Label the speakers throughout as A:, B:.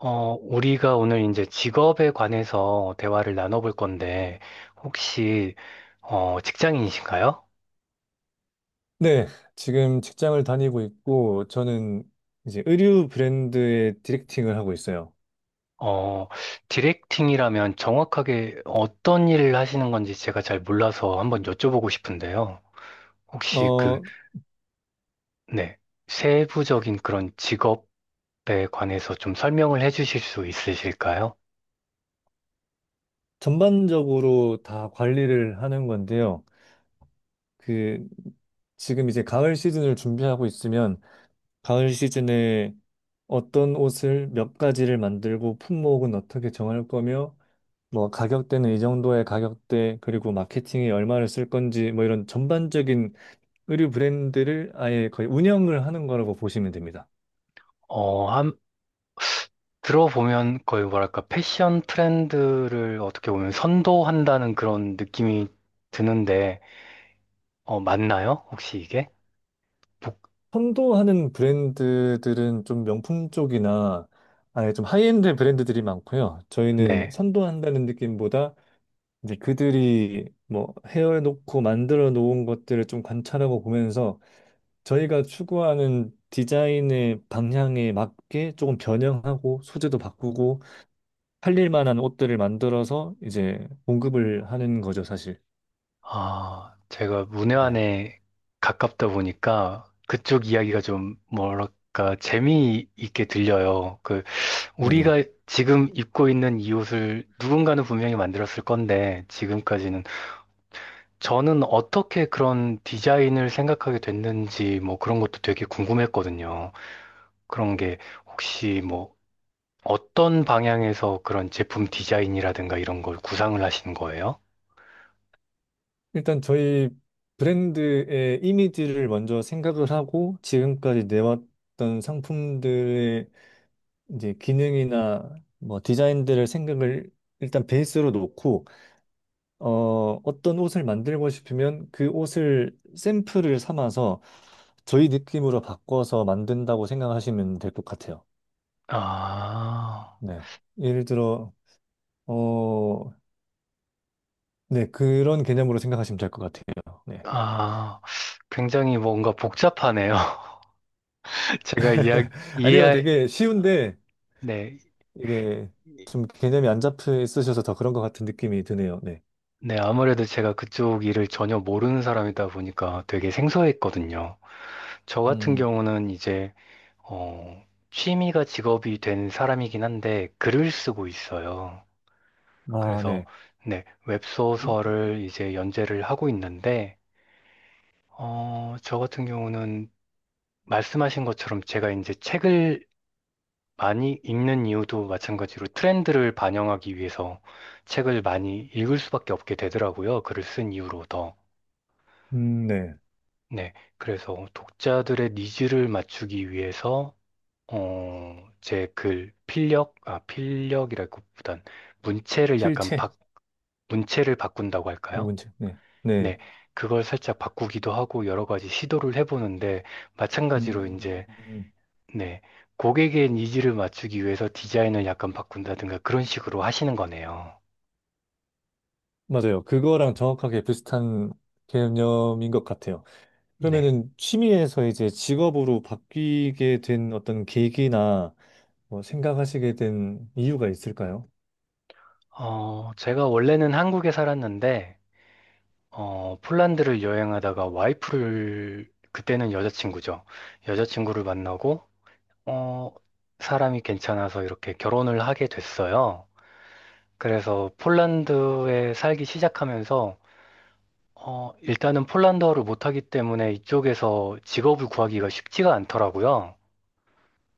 A: 우리가 오늘 이제 직업에 관해서 대화를 나눠볼 건데, 혹시, 직장인이신가요?
B: 네, 지금 직장을 다니고 있고, 저는 이제 의류 브랜드의 디렉팅을 하고 있어요.
A: 어, 디렉팅이라면 정확하게 어떤 일을 하시는 건지 제가 잘 몰라서 한번 여쭤보고 싶은데요. 혹시
B: 어,
A: 네, 세부적인 그런 직업에 관해서 좀 설명을 해주실 수 있으실까요?
B: 전반적으로 다 관리를 하는 건데요. 그, 지금 이제 가을 시즌을 준비하고 있으면, 가을 시즌에 어떤 옷을 몇 가지를 만들고, 품목은 어떻게 정할 거며, 뭐, 가격대는 이 정도의 가격대, 그리고 마케팅에 얼마를 쓸 건지, 뭐 이런 전반적인 의류 브랜드를 아예 거의 운영을 하는 거라고 보시면 됩니다.
A: 어, 한, 들어보면 거의 뭐랄까, 패션 트렌드를 어떻게 보면 선도한다는 그런 느낌이 드는데, 맞나요? 혹시 이게? 북,
B: 선도하는 브랜드들은 좀 명품 쪽이나 아예 좀 하이엔드 브랜드들이 많고요. 저희는
A: 네.
B: 선도한다는 느낌보다 이제 그들이 뭐 헤어놓고 만들어 놓은 것들을 좀 관찰하고 보면서 저희가 추구하는 디자인의 방향에 맞게 조금 변형하고 소재도 바꾸고 팔릴 만한 옷들을 만들어서 이제 공급을 하는 거죠, 사실.
A: 아, 제가
B: 네.
A: 문외한에 가깝다 보니까 그쪽 이야기가 좀 뭐랄까 재미있게 들려요. 그
B: 네네.
A: 우리가 지금 입고 있는 이 옷을 누군가는 분명히 만들었을 건데, 지금까지는 저는 어떻게 그런 디자인을 생각하게 됐는지 뭐 그런 것도 되게 궁금했거든요. 그런 게 혹시 뭐 어떤 방향에서 그런 제품 디자인이라든가 이런 걸 구상을 하신 거예요?
B: 일단 저희 브랜드의 이미지를 먼저 생각을 하고 지금까지 내왔던 상품들의 이제 기능이나 뭐 디자인들을 생각을 일단 베이스로 놓고 어떤 옷을 만들고 싶으면 그 옷을 샘플을 삼아서 저희 느낌으로 바꿔서 만든다고 생각하시면 될 것 같아요.
A: 아,
B: 네. 예를 들어 어 네, 그런 개념으로 생각하시면 될 것 같아요. 네.
A: 아, 굉장히 뭔가 복잡하네요. 제가 이야,
B: 아니요,
A: 이해,
B: 되게 쉬운데
A: 네,
B: 이게 좀 개념이 안 잡혀 있으셔서 더 그런 것 같은 느낌이 드네요. 네.
A: 네, 아무래도 제가 그쪽 일을 전혀 모르는 사람이다 보니까 되게 생소했거든요. 저 같은
B: 음,
A: 경우는 이제, 어, 취미가 직업이 된 사람이긴 한데 글을 쓰고 있어요.
B: 아,
A: 그래서,
B: 네.
A: 네, 웹소설을 이제 연재를 하고 있는데, 저 같은 경우는 말씀하신 것처럼 제가 이제 책을 많이 읽는 이유도 마찬가지로 트렌드를 반영하기 위해서 책을 많이 읽을 수밖에 없게 되더라고요. 글을 쓴 이후로 더.
B: 네.
A: 네. 그래서 독자들의 니즈를 맞추기 위해서, 필력, 아, 필력이라기보단 문체를 약간
B: 필체.
A: 바, 문체를 바꾼다고
B: 아,
A: 할까요?
B: 문제. 네.
A: 네.
B: 네.
A: 그걸 살짝 바꾸기도 하고 여러 가지 시도를 해보는데, 마찬가지로
B: 음,
A: 이제,
B: 음.
A: 네, 고객의 니즈를 맞추기 위해서 디자인을 약간 바꾼다든가 그런 식으로 하시는 거네요.
B: 맞아요. 그거랑 정확하게 비슷한 개념인 것 같아요.
A: 네.
B: 그러면은 취미에서 이제 직업으로 바뀌게 된 어떤 계기나 뭐 생각하시게 된 이유가 있을까요?
A: 제가 원래는 한국에 살았는데, 폴란드를 여행하다가 와이프를, 그때는 여자친구죠. 여자친구를 만나고, 어, 사람이 괜찮아서 이렇게 결혼을 하게 됐어요. 그래서 폴란드에 살기 시작하면서, 일단은 폴란드어를 못하기 때문에 이쪽에서 직업을 구하기가 쉽지가 않더라고요.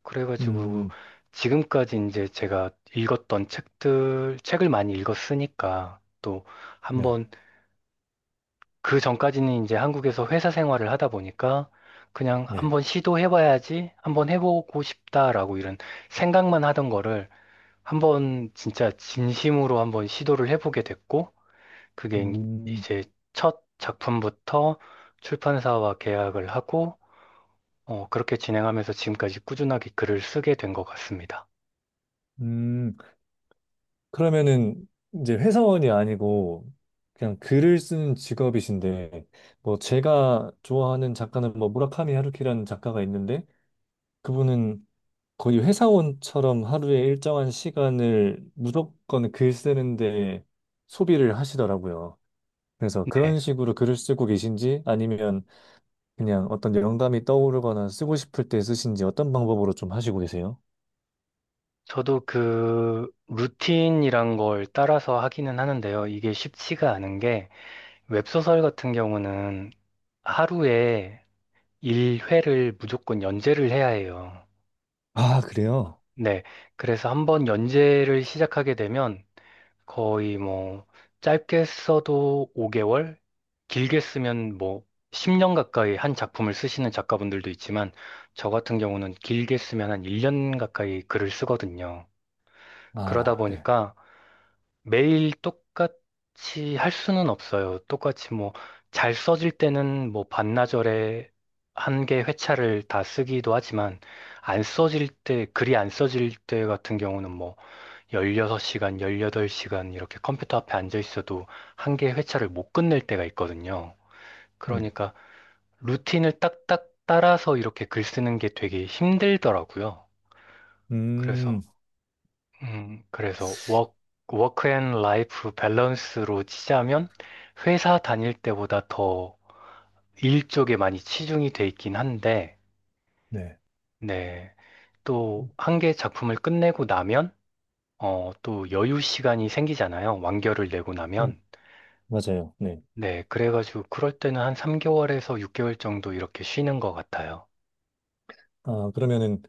A: 그래가지고
B: 음,
A: 지금까지 이제 제가 읽었던 책들, 책을 많이 읽었으니까 또
B: 네.
A: 한번, 그 전까지는 이제 한국에서 회사 생활을 하다 보니까 그냥
B: 네.
A: 한번 시도해봐야지, 한번 해보고 싶다라고 이런 생각만 하던 거를 한번 진짜 진심으로 한번 시도를 해보게 됐고, 그게
B: 음,
A: 이제 첫 작품부터 출판사와 계약을 하고, 그렇게 진행하면서 지금까지 꾸준하게 글을 쓰게 된 것 같습니다.
B: 음. 그러면은 이제 회사원이 아니고 그냥 글을 쓰는 직업이신데 뭐 제가 좋아하는 작가는 뭐 무라카미 하루키라는 작가가 있는데 그분은 거의 회사원처럼 하루에 일정한 시간을 무조건 글 쓰는데 소비를 하시더라고요. 그래서
A: 네.
B: 그런 식으로 글을 쓰고 계신지 아니면 그냥 어떤 영감이 떠오르거나 쓰고 싶을 때 쓰신지 어떤 방법으로 좀 하시고 계세요?
A: 저도 그 루틴이란 걸 따라서 하기는 하는데요. 이게 쉽지가 않은 게, 웹소설 같은 경우는 하루에 1회를 무조건 연재를 해야 해요.
B: 아, 그래요?
A: 네. 그래서 한번 연재를 시작하게 되면 거의 뭐 짧게 써도 5개월, 길게 쓰면 뭐 10년 가까이 한 작품을 쓰시는 작가분들도 있지만, 저 같은 경우는 길게 쓰면 한 1년 가까이 글을 쓰거든요. 그러다
B: 아, 네.
A: 보니까 매일 똑같이 할 수는 없어요. 똑같이 뭐 잘 써질 때는 뭐 반나절에 한 개 회차를 다 쓰기도 하지만, 안 써질 때, 글이 안 써질 때 같은 경우는 뭐 16시간, 18시간 이렇게 컴퓨터 앞에 앉아 있어도 한 개 회차를 못 끝낼 때가 있거든요.
B: 네.
A: 그러니까 루틴을 딱딱 따라서 이렇게 글 쓰는 게 되게 힘들더라고요. 그래서
B: 음,
A: 그래서 워크 앤 라이프 밸런스로 치자면 회사 다닐 때보다 더 일 쪽에 많이 치중이 돼 있긴 한데,
B: 네.
A: 네. 또 한 개 작품을 끝내고 나면 또 여유 시간이 생기잖아요. 완결을 내고 나면.
B: 맞아요. 네.
A: 네, 그래가지고 그럴 때는 한 3개월에서 6개월 정도 이렇게 쉬는 것 같아요.
B: 아, 그러면은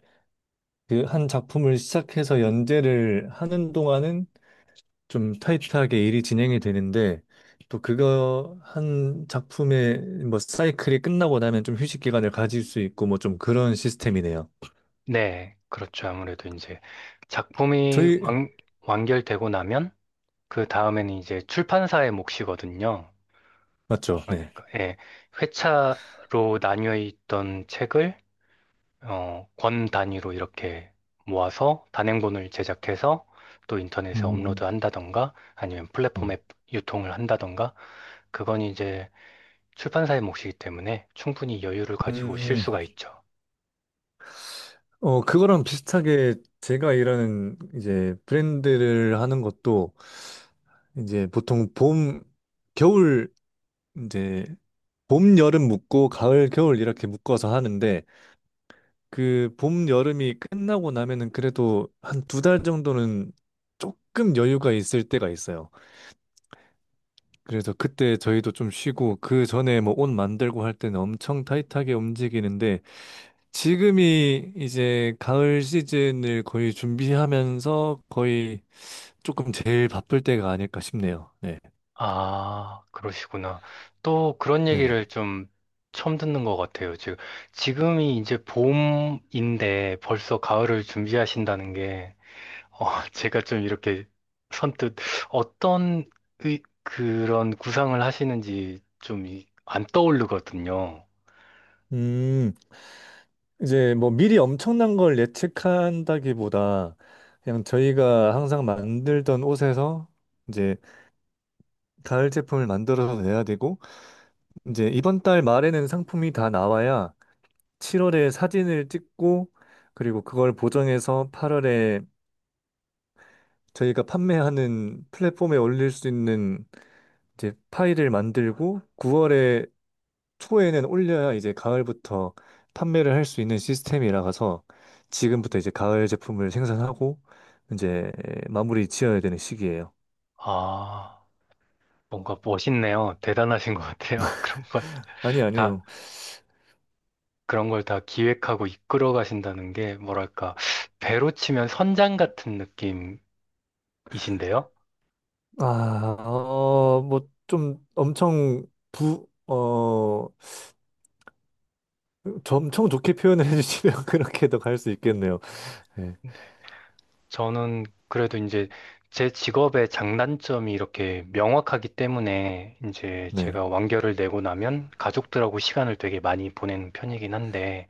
B: 그 한 작품을 시작해서 연재를 하는 동안은 좀 타이트하게 일이 진행이 되는데 또 그거 한 작품의 뭐 사이클이 끝나고 나면 좀 휴식 기간을 가질 수 있고 뭐 좀 그런 시스템이네요.
A: 네, 그렇죠. 아무래도 이제 작품이
B: 저희
A: 완결되고 나면 그 다음에는 이제 출판사의 몫이거든요.
B: 맞죠? 네.
A: 그러니까 예, 회차로 나뉘어 있던 책을 권 단위로 이렇게 모아서 단행본을 제작해서 또 인터넷에
B: 음,
A: 업로드 한다던가 아니면
B: 네.
A: 플랫폼에 유통을 한다던가, 그건 이제 출판사의 몫이기 때문에 충분히 여유를 가지고 쉴
B: 음,
A: 수가 있죠.
B: 그거랑 비슷하게 제가 일하는 이제 브랜드를 하는 것도 이제 보통 봄, 겨울 이제 봄, 여름 묶고 가을, 겨울 이렇게 묶어서 하는데 그 봄, 여름이 끝나고 나면은 그래도 한 두 달 정도는 조금 여유가 있을 때가 있어요. 그래서 그때 저희도 좀 쉬고 그 전에 뭐 옷 만들고 할 때는 엄청 타이트하게 움직이는데 지금이 이제 가을 시즌을 거의 준비하면서 거의 조금 제일 바쁠 때가 아닐까 싶네요. 네.
A: 아, 그러시구나. 또 그런
B: 네네.
A: 얘기를 좀 처음 듣는 것 같아요. 지금이 이제 봄인데 벌써 가을을 준비하신다는 게, 어, 제가 좀 이렇게 선뜻 어떤 그런 구상을 하시는지 좀 안 떠오르거든요.
B: 음. 이제 뭐 미리 엄청난 걸 예측한다기보다 그냥 저희가 항상 만들던 옷에서 이제 가을 제품을 만들어서 내야 되고 이제 이번 달 말에는 상품이 다 나와야 7월에 사진을 찍고 그리고 그걸 보정해서 8월에 저희가 판매하는 플랫폼에 올릴 수 있는 이제 파일을 만들고 9월에 초에는 올려야 이제 가을부터 판매를 할 수 있는 시스템이라서 지금부터 이제 가을 제품을 생산하고 이제 마무리 지어야 되는 시기예요.
A: 아, 뭔가 멋있네요. 대단하신 것 같아요.
B: 아니
A: 다,
B: 아니요.
A: 그런 걸 다 기획하고 이끌어 가신다는 게 뭐랄까, 배로 치면 선장 같은 느낌이신데요?
B: 아, 뭐 좀 저 엄청 좋게 표현을 해주시면 그렇게도 갈 수 있겠네요. 네,
A: 저는 그래도 이제 제 직업의 장단점이 이렇게 명확하기 때문에, 이제
B: 네,
A: 제가 완결을 내고 나면 가족들하고 시간을 되게 많이 보내는 편이긴 한데,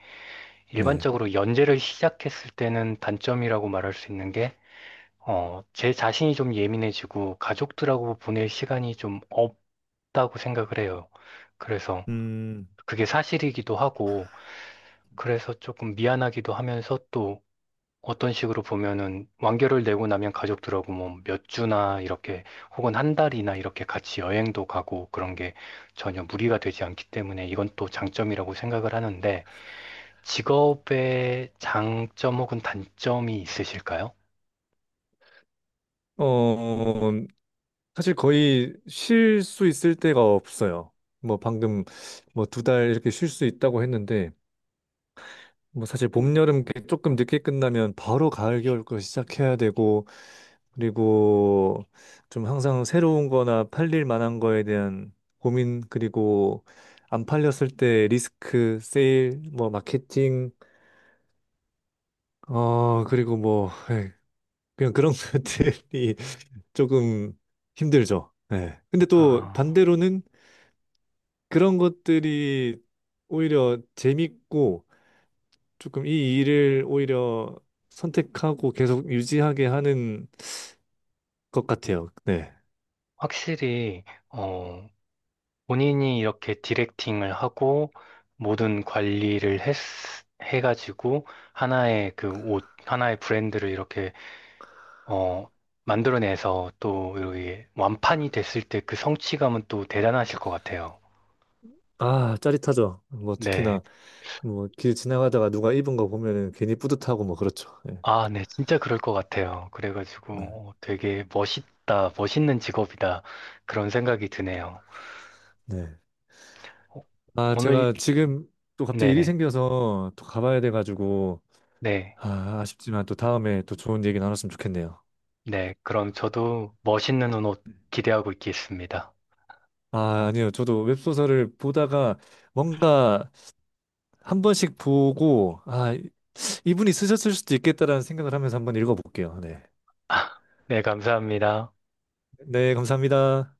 B: 네.
A: 일반적으로 연재를 시작했을 때는 단점이라고 말할 수 있는 게, 제 자신이 좀 예민해지고 가족들하고 보낼 시간이 좀 없다고 생각을 해요. 그래서
B: 음,
A: 그게 사실이기도 하고, 그래서 조금 미안하기도 하면서, 또 어떤 식으로 보면은 완결을 내고 나면 가족들하고 뭐 몇 주나 이렇게 혹은 한 달이나 이렇게 같이 여행도 가고 그런 게 전혀 무리가 되지 않기 때문에 이건 또 장점이라고 생각을 하는데, 직업의 장점 혹은 단점이 있으실까요?
B: 어, 사실 거의 쉴 수 있을 때가 없어요. 뭐 방금 뭐 두 달 이렇게 쉴 수 있다고 했는데 뭐 사실 봄, 여름 이렇게 조금 늦게 끝나면 바로 가을, 겨울 거 시작해야 되고 그리고 좀 항상 새로운 거나 팔릴 만한 거에 대한 고민 그리고 안 팔렸을 때 리스크, 세일, 뭐 마케팅 그리고 뭐 예, 그냥 그런 것들이 조금 힘들죠. 예. 근데 또
A: 아,
B: 반대로는 그런 것들이 오히려 재밌고 조금 이 일을 오히려 선택하고 계속 유지하게 하는 것 같아요. 네.
A: 확실히 어, 본인이 이렇게 디렉팅을 하고 모든 관리를 해가지고 하나의 브랜드를 이렇게 어, 만들어내서 또 여기 완판이 됐을 때 그 성취감은 또 대단하실 것 같아요.
B: 아, 짜릿하죠. 뭐
A: 네.
B: 특히나 뭐 길 지나가다가 누가 입은 거 보면은 괜히 뿌듯하고 뭐 그렇죠. 네.
A: 아, 네. 진짜 그럴 것 같아요.
B: 네.
A: 그래가지고 되게 멋있는 직업이다. 그런 생각이 드네요.
B: 네.
A: 어,
B: 아,
A: 오늘,
B: 제가 지금 또 갑자기 일이
A: 네네.
B: 생겨서 또 가봐야 돼가지고
A: 네.
B: 아, 아쉽지만 또 다음에 또 좋은 얘기 나눴으면 좋겠네요.
A: 네. 그럼 저도 멋있는 옷 기대하고 있겠습니다.
B: 아, 아니요. 저도 웹소설을 보다가 뭔가 한 번씩 보고, 아, 이분이 쓰셨을 수도 있겠다라는 생각을 하면서 한번 읽어볼게요. 네.
A: 네. 감사합니다.
B: 네, 감사합니다.